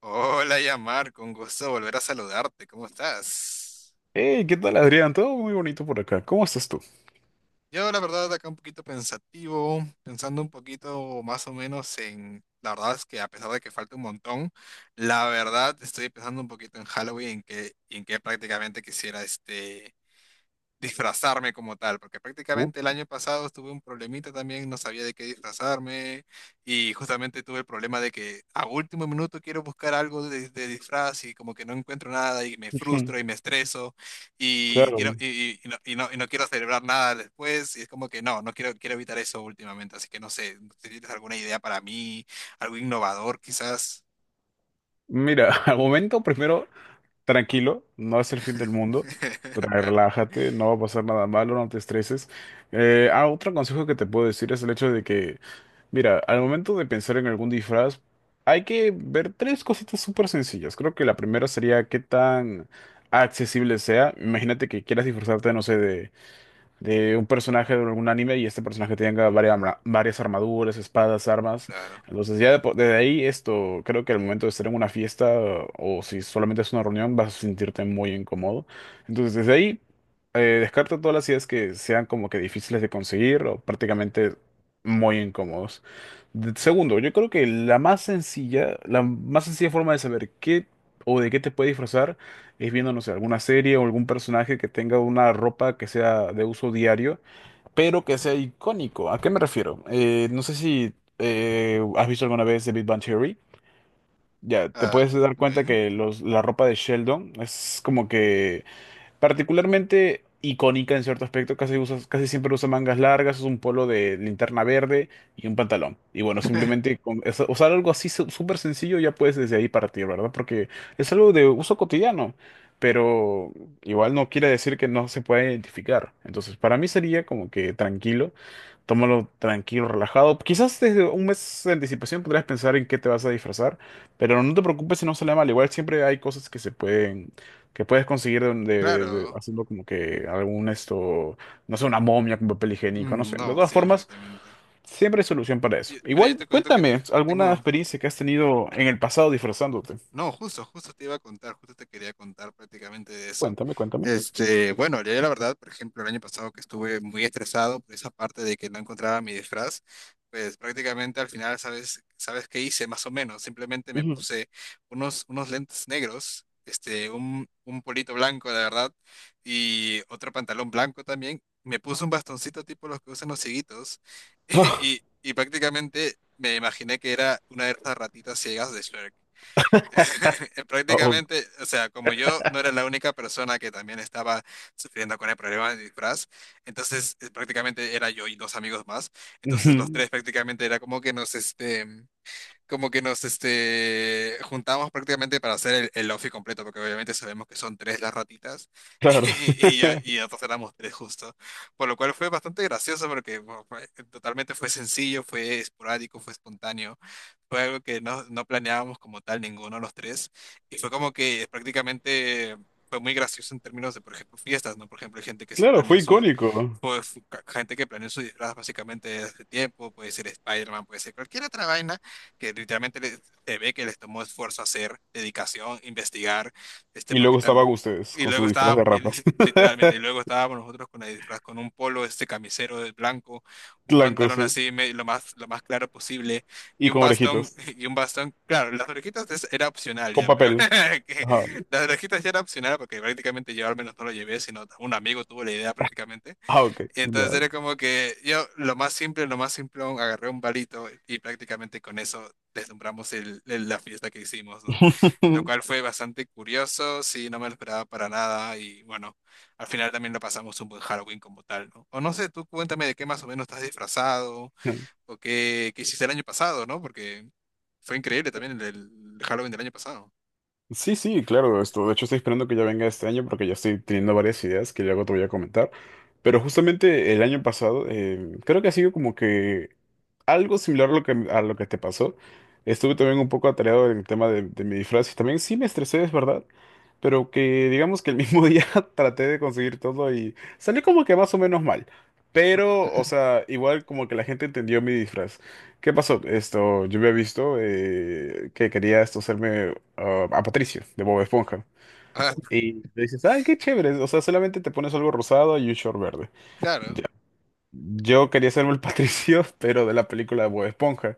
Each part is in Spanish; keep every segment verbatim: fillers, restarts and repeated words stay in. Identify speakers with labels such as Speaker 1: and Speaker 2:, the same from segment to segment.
Speaker 1: Hola, Yamar, con gusto de volver a saludarte. ¿Cómo estás?
Speaker 2: Hey, ¿qué tal, Adrián? Todo muy bonito por acá. ¿Cómo estás tú?
Speaker 1: Yo, la verdad, acá un poquito pensativo, pensando un poquito más o menos en... La verdad es que a pesar de que falta un montón, la verdad estoy pensando un poquito en Halloween, en que, en que prácticamente quisiera este... disfrazarme como tal, porque
Speaker 2: Uh,
Speaker 1: prácticamente el año pasado tuve un problemita también, no sabía de qué disfrazarme y justamente tuve el problema de que a último minuto quiero buscar algo de, de disfraz y como que no encuentro nada y me frustro
Speaker 2: ujú.
Speaker 1: y me estreso y quiero
Speaker 2: Claro.
Speaker 1: y, y- y no, y no- y no quiero celebrar nada después y es como que no, no quiero quiero evitar eso últimamente, así que no sé, si tienes alguna idea para mí, algo innovador quizás.
Speaker 2: Mira, al momento primero, tranquilo, no es el fin del mundo. tra-
Speaker 1: Claro,
Speaker 2: Relájate, no va a pasar nada malo, no te estreses. Eh, ah, otro consejo que te puedo decir es el hecho de que, mira, al momento de pensar en algún disfraz, hay que ver tres cositas súper sencillas. Creo que la primera sería qué tan accesible sea. Imagínate que quieras disfrazarte, no sé, de un personaje de algún anime y este personaje tenga varias, arma- varias armaduras, espadas, armas.
Speaker 1: claro.
Speaker 2: Entonces ya de po- desde ahí esto, creo que al momento de estar en una fiesta o si solamente es una reunión vas a sentirte muy incómodo. Entonces desde ahí eh, descarto todas las ideas que sean como que difíciles de conseguir o prácticamente muy incómodos. De- Segundo, yo creo que la más sencilla, la más sencilla forma de saber qué o de qué te puede disfrazar es viendo, no sé, alguna serie o algún personaje que tenga una ropa que sea de uso diario, pero que sea icónico. ¿A qué me refiero? Eh, no sé si eh, has visto alguna vez The Big Bang Theory. Ya, te
Speaker 1: Ah,
Speaker 2: puedes dar
Speaker 1: ok.
Speaker 2: cuenta que los, la ropa de Sheldon es como que particularmente icónica en cierto aspecto, casi usas, casi siempre usa mangas largas, es un polo de linterna verde y un pantalón. Y bueno, simplemente con eso- usar algo así su- súper sencillo ya puedes desde ahí partir, ¿verdad? Porque es algo de uso cotidiano, pero igual no quiere decir que no se pueda identificar. Entonces, para mí sería como que tranquilo, tómalo tranquilo, relajado. Quizás desde un mes de anticipación podrías pensar en qué te vas a disfrazar, pero no te preocupes si no sale mal. Igual siempre hay cosas que se pueden que puedes conseguir de, de- de-
Speaker 1: Claro.
Speaker 2: haciendo como que algún esto, no sé, una momia con papel higiénico, no
Speaker 1: Mm,
Speaker 2: sé. De
Speaker 1: no,
Speaker 2: todas
Speaker 1: sí,
Speaker 2: formas,
Speaker 1: efectivamente.
Speaker 2: siempre hay solución para eso.
Speaker 1: Yo- mira, yo
Speaker 2: Igual,
Speaker 1: te cuento que
Speaker 2: cuéntame alguna
Speaker 1: tengo,
Speaker 2: experiencia que has tenido en el pasado disfrazándote.
Speaker 1: no, justo justo te iba a contar, justo te quería contar prácticamente de eso.
Speaker 2: Cuéntame, cuéntame.
Speaker 1: Este, bueno, yo la verdad, por ejemplo, el año pasado que estuve muy estresado por esa parte de que no encontraba mi disfraz, pues prácticamente al final, ¿sabes, sabes qué hice? Más o menos, simplemente me
Speaker 2: Ujú.
Speaker 1: puse unos, unos lentes negros, este, un, un polito blanco, la verdad, y otro pantalón blanco también. Me puse un bastoncito tipo los que usan los cieguitos
Speaker 2: Ah,
Speaker 1: y, y prácticamente me imaginé que era una de esas ratitas ciegas de Shrek.
Speaker 2: oh,
Speaker 1: Prácticamente, o sea, como yo no era la única persona que también estaba sufriendo con el problema del disfraz, entonces eh, prácticamente era yo y dos amigos más, entonces los
Speaker 2: ujú.
Speaker 1: tres prácticamente era como que nos, este, como que nos este, juntamos prácticamente para hacer el, el outfit completo, porque obviamente sabemos que son tres las ratitas
Speaker 2: Claro,
Speaker 1: y, y, ya- y nosotros éramos tres justo. Por lo cual fue bastante gracioso porque bueno, fue- totalmente fue sencillo, fue esporádico, fue espontáneo, fue algo que no, no planeábamos como tal ninguno de los tres y fue como que prácticamente... Fue muy gracioso en términos de, por ejemplo, fiestas, ¿no? Por ejemplo, hay gente que sí
Speaker 2: claro, fue
Speaker 1: planeó su,
Speaker 2: icónico.
Speaker 1: pues ca- gente que planeó su disfraz básicamente desde hace tiempo, puede ser Spider-Man, puede ser cualquier otra vaina, que literalmente les- se ve que les tomó esfuerzo hacer, dedicación, investigar, este,
Speaker 2: Y
Speaker 1: porque
Speaker 2: luego estaba
Speaker 1: tam-
Speaker 2: ustedes
Speaker 1: y
Speaker 2: con
Speaker 1: luego
Speaker 2: su disfraz
Speaker 1: estaba,
Speaker 2: de
Speaker 1: y-
Speaker 2: rapas,
Speaker 1: li- literalmente, y luego estábamos nosotros con el disfraz, con un polo, este camisero de blanco, un
Speaker 2: blanco,
Speaker 1: pantalón
Speaker 2: sí,
Speaker 1: así, me- lo más, lo más claro posible, y
Speaker 2: y
Speaker 1: un
Speaker 2: con
Speaker 1: bastón,
Speaker 2: orejitas,
Speaker 1: y un bastón, claro, las orejitas es- era opcional
Speaker 2: con
Speaker 1: ya, pero
Speaker 2: papel. Ajá.
Speaker 1: que las orejitas ya era opcional porque prácticamente yo al menos no lo llevé, sino un amigo tuvo la idea prácticamente.
Speaker 2: Ah, ok,
Speaker 1: Y entonces
Speaker 2: ya.
Speaker 1: era como que yo, lo más simple, lo más simplón, agarré un palito y prácticamente con eso deslumbramos el, el- la fiesta que hicimos, ¿no? Lo cual fue bastante curioso, sí, no me lo esperaba para nada y bueno, al final también lo pasamos un buen Halloween como tal, ¿no? O no sé, tú cuéntame de qué más o menos estás disfrazado o qué, qué hiciste el año pasado, ¿no? Porque fue increíble también el, el Halloween del año pasado.
Speaker 2: Sí, sí, claro, esto. De hecho, estoy esperando que ya venga este año porque ya estoy teniendo varias ideas que luego te voy a comentar. Pero justamente el año pasado, eh, creo que ha sido como que algo similar a lo que, a lo que te pasó. Estuve también un poco atareado en el tema de, de mi disfraz y también sí me estresé, es verdad. Pero que digamos que el mismo día traté de conseguir todo y salió como que más o menos mal. Pero, o sea, igual como que la gente entendió mi disfraz. ¿Qué pasó? Esto, yo había visto eh, que quería esto hacerme a a Patricio, de Bob Esponja.
Speaker 1: Ah,
Speaker 2: Y le dices, ah, qué chévere, o sea, solamente te pones algo rosado y un short verde. Ya.
Speaker 1: claro,
Speaker 2: Yo quería hacerme el Patricio, pero de la película de Bob Esponja,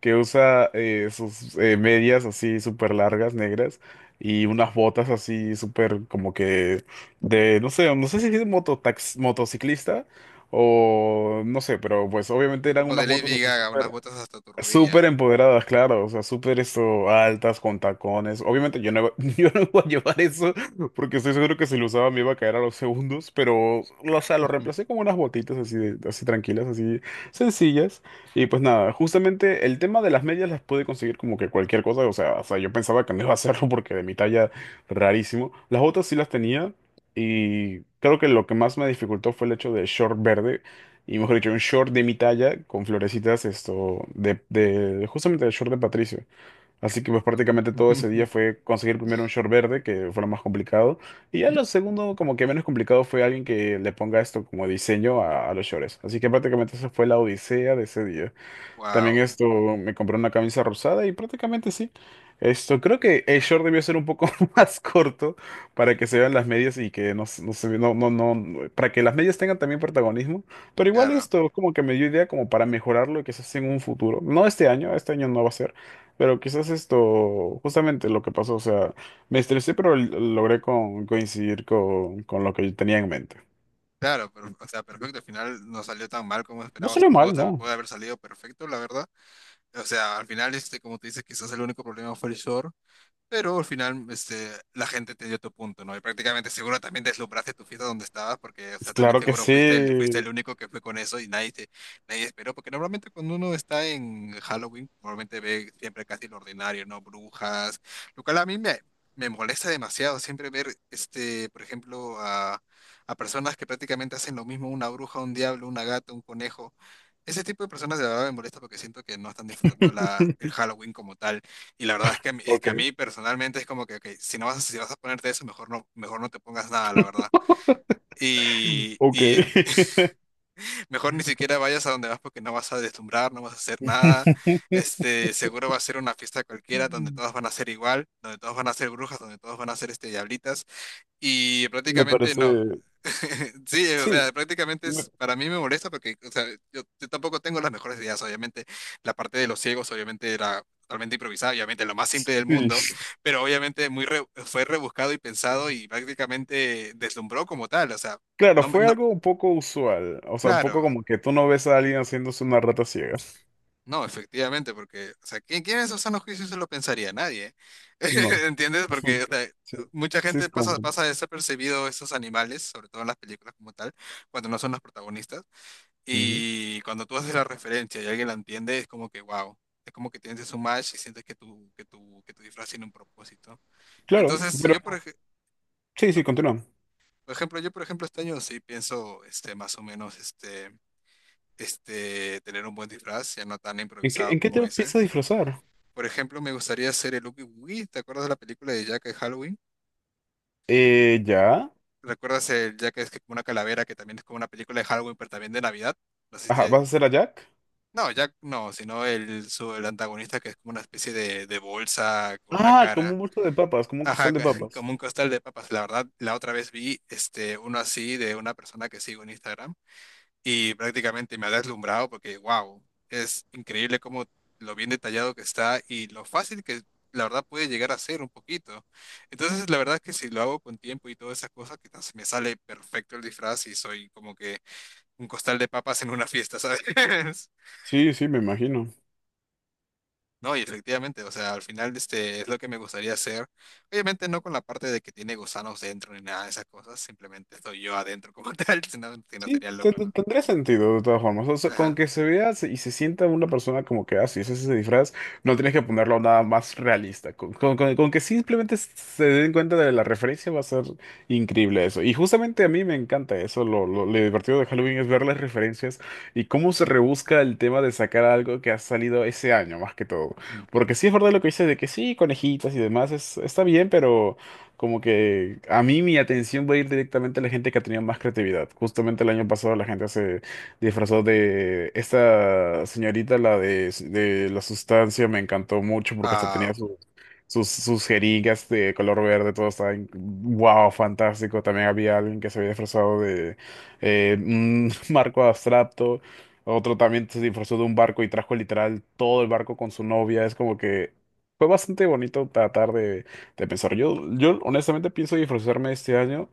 Speaker 2: que usa eh, sus eh, medias así súper largas, negras, y unas botas así súper como que de, no sé, no sé si es mototax, motociclista o no sé, pero pues obviamente eran
Speaker 1: como
Speaker 2: unas
Speaker 1: de
Speaker 2: botas
Speaker 1: Lady
Speaker 2: así
Speaker 1: Gaga, unas
Speaker 2: súper...
Speaker 1: botas hasta tu
Speaker 2: Súper
Speaker 1: rodilla.
Speaker 2: empoderadas, claro, o sea, súper esto, altas, con tacones. Obviamente yo no, iba- yo no voy a llevar eso porque estoy seguro que si lo usaba me iba a caer a los segundos, pero, o sea, lo reemplacé con unas botitas así, de- así tranquilas, así sencillas. Y pues nada, justamente el tema de las medias las pude conseguir como que cualquier cosa, o sea, o sea, yo pensaba que no iba a hacerlo porque de mi talla, rarísimo. Las botas sí las tenía y creo que lo que más me dificultó fue el hecho de short verde y mejor dicho, un short de mi talla con florecitas, esto, de, de justamente el short de Patricio. Así que pues prácticamente todo ese día fue conseguir primero un short verde, que fue lo más complicado, y ya lo segundo, como que menos complicado, fue alguien que le ponga esto como diseño a, a los shorts. Así que prácticamente esa fue la odisea de ese día. También
Speaker 1: Wow,
Speaker 2: esto, me compré una camisa rosada y prácticamente sí. Esto, creo que el short debió ser un poco más corto para que se vean las medias y que no, se- no se ve- no, no, no, no- para que las medias tengan también protagonismo. Pero igual
Speaker 1: claro.
Speaker 2: esto como que me dio idea como para mejorarlo y quizás en un futuro. No este año, este año no va a ser, pero quizás esto, justamente lo que pasó, o sea, me estresé, pero l- logré con- coincidir con, con lo que yo tenía en mente.
Speaker 1: Claro, pero, o sea, perfecto, al final no salió tan mal como
Speaker 2: No
Speaker 1: esperabas
Speaker 2: salió
Speaker 1: o pudo, o
Speaker 2: mal,
Speaker 1: sea,
Speaker 2: ¿no?
Speaker 1: puede haber salido perfecto, la verdad. O sea, al final, este, como te dices, quizás el único problema fue el short. Pero al final, este, la gente te dio tu punto, ¿no? Y prácticamente seguro también deslumbraste tu fiesta donde estabas, porque, o
Speaker 2: Pues
Speaker 1: sea, también
Speaker 2: claro que
Speaker 1: seguro fuiste el, fuiste el
Speaker 2: sí.
Speaker 1: único que fue con eso y nadie te, nadie esperó, porque normalmente cuando uno está en Halloween, normalmente ve siempre casi lo ordinario, ¿no? Brujas, lo cual a mí me, me molesta demasiado siempre ver, este, por ejemplo, a, a personas que prácticamente hacen lo mismo, una bruja, un diablo, una gata, un conejo. Ese tipo de personas de verdad me molesta porque siento que no están disfrutando la, el Halloween como tal. Y la verdad es que, a mí- es
Speaker 2: Ok.
Speaker 1: que a mí personalmente es como que, ok, si no vas, a- si vas a ponerte eso, mejor no, mejor no te pongas nada, la verdad. Y,
Speaker 2: Ok.
Speaker 1: y mejor ni siquiera vayas a donde vas porque no vas a deslumbrar, no vas a hacer nada. Este, seguro va a ser una fiesta cualquiera donde todas van a ser igual, donde todas van a ser brujas, donde todas van a ser este, diablitas. Y
Speaker 2: Me
Speaker 1: prácticamente
Speaker 2: parece.
Speaker 1: no. Sí, o
Speaker 2: Sí.
Speaker 1: sea, prácticamente
Speaker 2: me-
Speaker 1: es, para mí me molesta porque, o sea, yo, yo tampoco tengo las mejores ideas, obviamente. La parte de los ciegos, obviamente, era totalmente improvisada, obviamente, lo más simple del mundo,
Speaker 2: Sí.
Speaker 1: pero obviamente muy re- fue rebuscado y pensado y prácticamente deslumbró como tal, o sea,
Speaker 2: Claro,
Speaker 1: no, me-
Speaker 2: fue
Speaker 1: no,
Speaker 2: algo un poco usual. O sea, un poco
Speaker 1: claro.
Speaker 2: como que tú no ves a alguien haciéndose una rata ciega.
Speaker 1: No, efectivamente, porque, o sea, ¿quién, quién en su sano juicio se lo pensaría? Nadie.
Speaker 2: No.
Speaker 1: ¿Entiendes?
Speaker 2: Sí,
Speaker 1: Porque o sea,
Speaker 2: sí,
Speaker 1: mucha
Speaker 2: sí,
Speaker 1: gente
Speaker 2: te
Speaker 1: pasa,
Speaker 2: comprendo.
Speaker 1: pasa desapercibido estos animales, sobre todo en las películas como tal, cuando no son los protagonistas.
Speaker 2: Ujú.
Speaker 1: Y cuando tú haces la referencia y alguien la entiende, es como que, wow. Es como que tienes un match y sientes que tu, que tu, que tu disfraz tiene un propósito.
Speaker 2: Claro,
Speaker 1: Entonces,
Speaker 2: pero
Speaker 1: yo, por, ej-
Speaker 2: sí,
Speaker 1: ah,
Speaker 2: sí, continúa.
Speaker 1: por ejemplo, yo, por ejemplo, este año sí pienso, este, más o menos, este, este, tener un buen disfraz, ya no tan
Speaker 2: ¿En qué,
Speaker 1: improvisado
Speaker 2: en qué te
Speaker 1: como ese.
Speaker 2: empiezas a disfrazar?
Speaker 1: Por ejemplo, me gustaría hacer el Oogie Woogie. ¿Te acuerdas de la película de Jack de Halloween?
Speaker 2: Eh, ya.
Speaker 1: ¿Recuerdas el Jack es que como una calavera que también es como una película de Halloween, pero también de Navidad? No sé si
Speaker 2: Ajá,
Speaker 1: te-
Speaker 2: ¿vas a hacer a Jack?
Speaker 1: No, Jack no, sino el, su, el antagonista que es como una especie de, de bolsa con una
Speaker 2: Ah, como
Speaker 1: cara.
Speaker 2: un bulto de papas, como un
Speaker 1: Ajá,
Speaker 2: costal de
Speaker 1: ca-
Speaker 2: papas.
Speaker 1: como un costal de papas. La verdad, la otra vez vi este, uno así de una persona que sigo en Instagram y prácticamente me ha deslumbrado porque, wow, es increíble cómo lo bien detallado que está y lo fácil que la verdad puede llegar a ser un poquito. Entonces, la verdad es que si lo hago con tiempo y todas esas cosas, quizás me sale perfecto el disfraz y soy como que un costal de papas en una fiesta, ¿sabes?
Speaker 2: Sí, sí, me imagino.
Speaker 1: No, y efectivamente, o sea, al final este es lo que me gustaría hacer. Obviamente no con la parte de que tiene gusanos dentro ni nada de esas cosas, simplemente estoy yo adentro como tal, si no, si no
Speaker 2: Sí,
Speaker 1: sería
Speaker 2: ten-
Speaker 1: loco,
Speaker 2: ten-
Speaker 1: ¿no?
Speaker 2: tendría sentido de todas formas. O sea, con
Speaker 1: Ajá.
Speaker 2: que se vea se- y se sienta una persona como que, ah, sí, ese es ese disfraz, no tienes que ponerlo nada más realista. Con, con- con- con que simplemente se den cuenta de la referencia va a ser increíble eso. Y justamente a mí me encanta eso. Lo, lo, lo divertido de Halloween es ver las referencias y cómo se rebusca el tema de sacar algo que ha salido ese año, más que todo. Porque
Speaker 1: Ujú.
Speaker 2: sí es verdad lo que dices de que sí, conejitas y demás, es, está bien, pero... Como que a mí mi atención va a ir directamente a la gente que ha tenido más creatividad. Justamente el año pasado la gente se disfrazó de esta señorita, la de, de la sustancia, me encantó mucho porque hasta tenía
Speaker 1: Ah,
Speaker 2: su- sus, sus jeringas de color verde, todo estaba en- wow, fantástico. También había alguien que se había disfrazado de eh, un marco abstracto. Otro también se disfrazó de un barco y trajo literal todo el barco con su novia. Es como que fue bastante bonito tratar de de pensar. Yo, yo honestamente pienso disfrazarme este año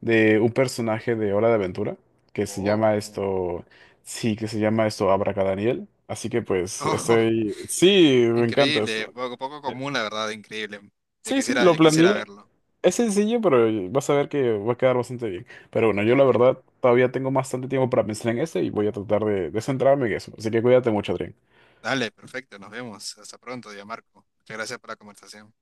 Speaker 2: de un personaje de Hora de Aventura que se llama
Speaker 1: oh.
Speaker 2: esto, sí, que se llama esto Abracadaniel. Así que pues
Speaker 1: Oh,
Speaker 2: estoy, sí, me encanta
Speaker 1: increíble,
Speaker 2: esto.
Speaker 1: poco, poco
Speaker 2: Eh,
Speaker 1: común, la verdad, increíble. Ya
Speaker 2: Sí, sí,
Speaker 1: quisiera,
Speaker 2: lo
Speaker 1: ya quisiera
Speaker 2: planeé.
Speaker 1: verlo,
Speaker 2: Es sencillo, pero vas a ver que va a quedar bastante bien. Pero bueno,
Speaker 1: me
Speaker 2: yo la
Speaker 1: imagino.
Speaker 2: verdad todavía tengo bastante tiempo para pensar en este y voy a tratar de, de centrarme en eso. Así que cuídate mucho, Adrián.
Speaker 1: Dale, perfecto, nos vemos. Hasta pronto, Marco. Muchas gracias por la conversación.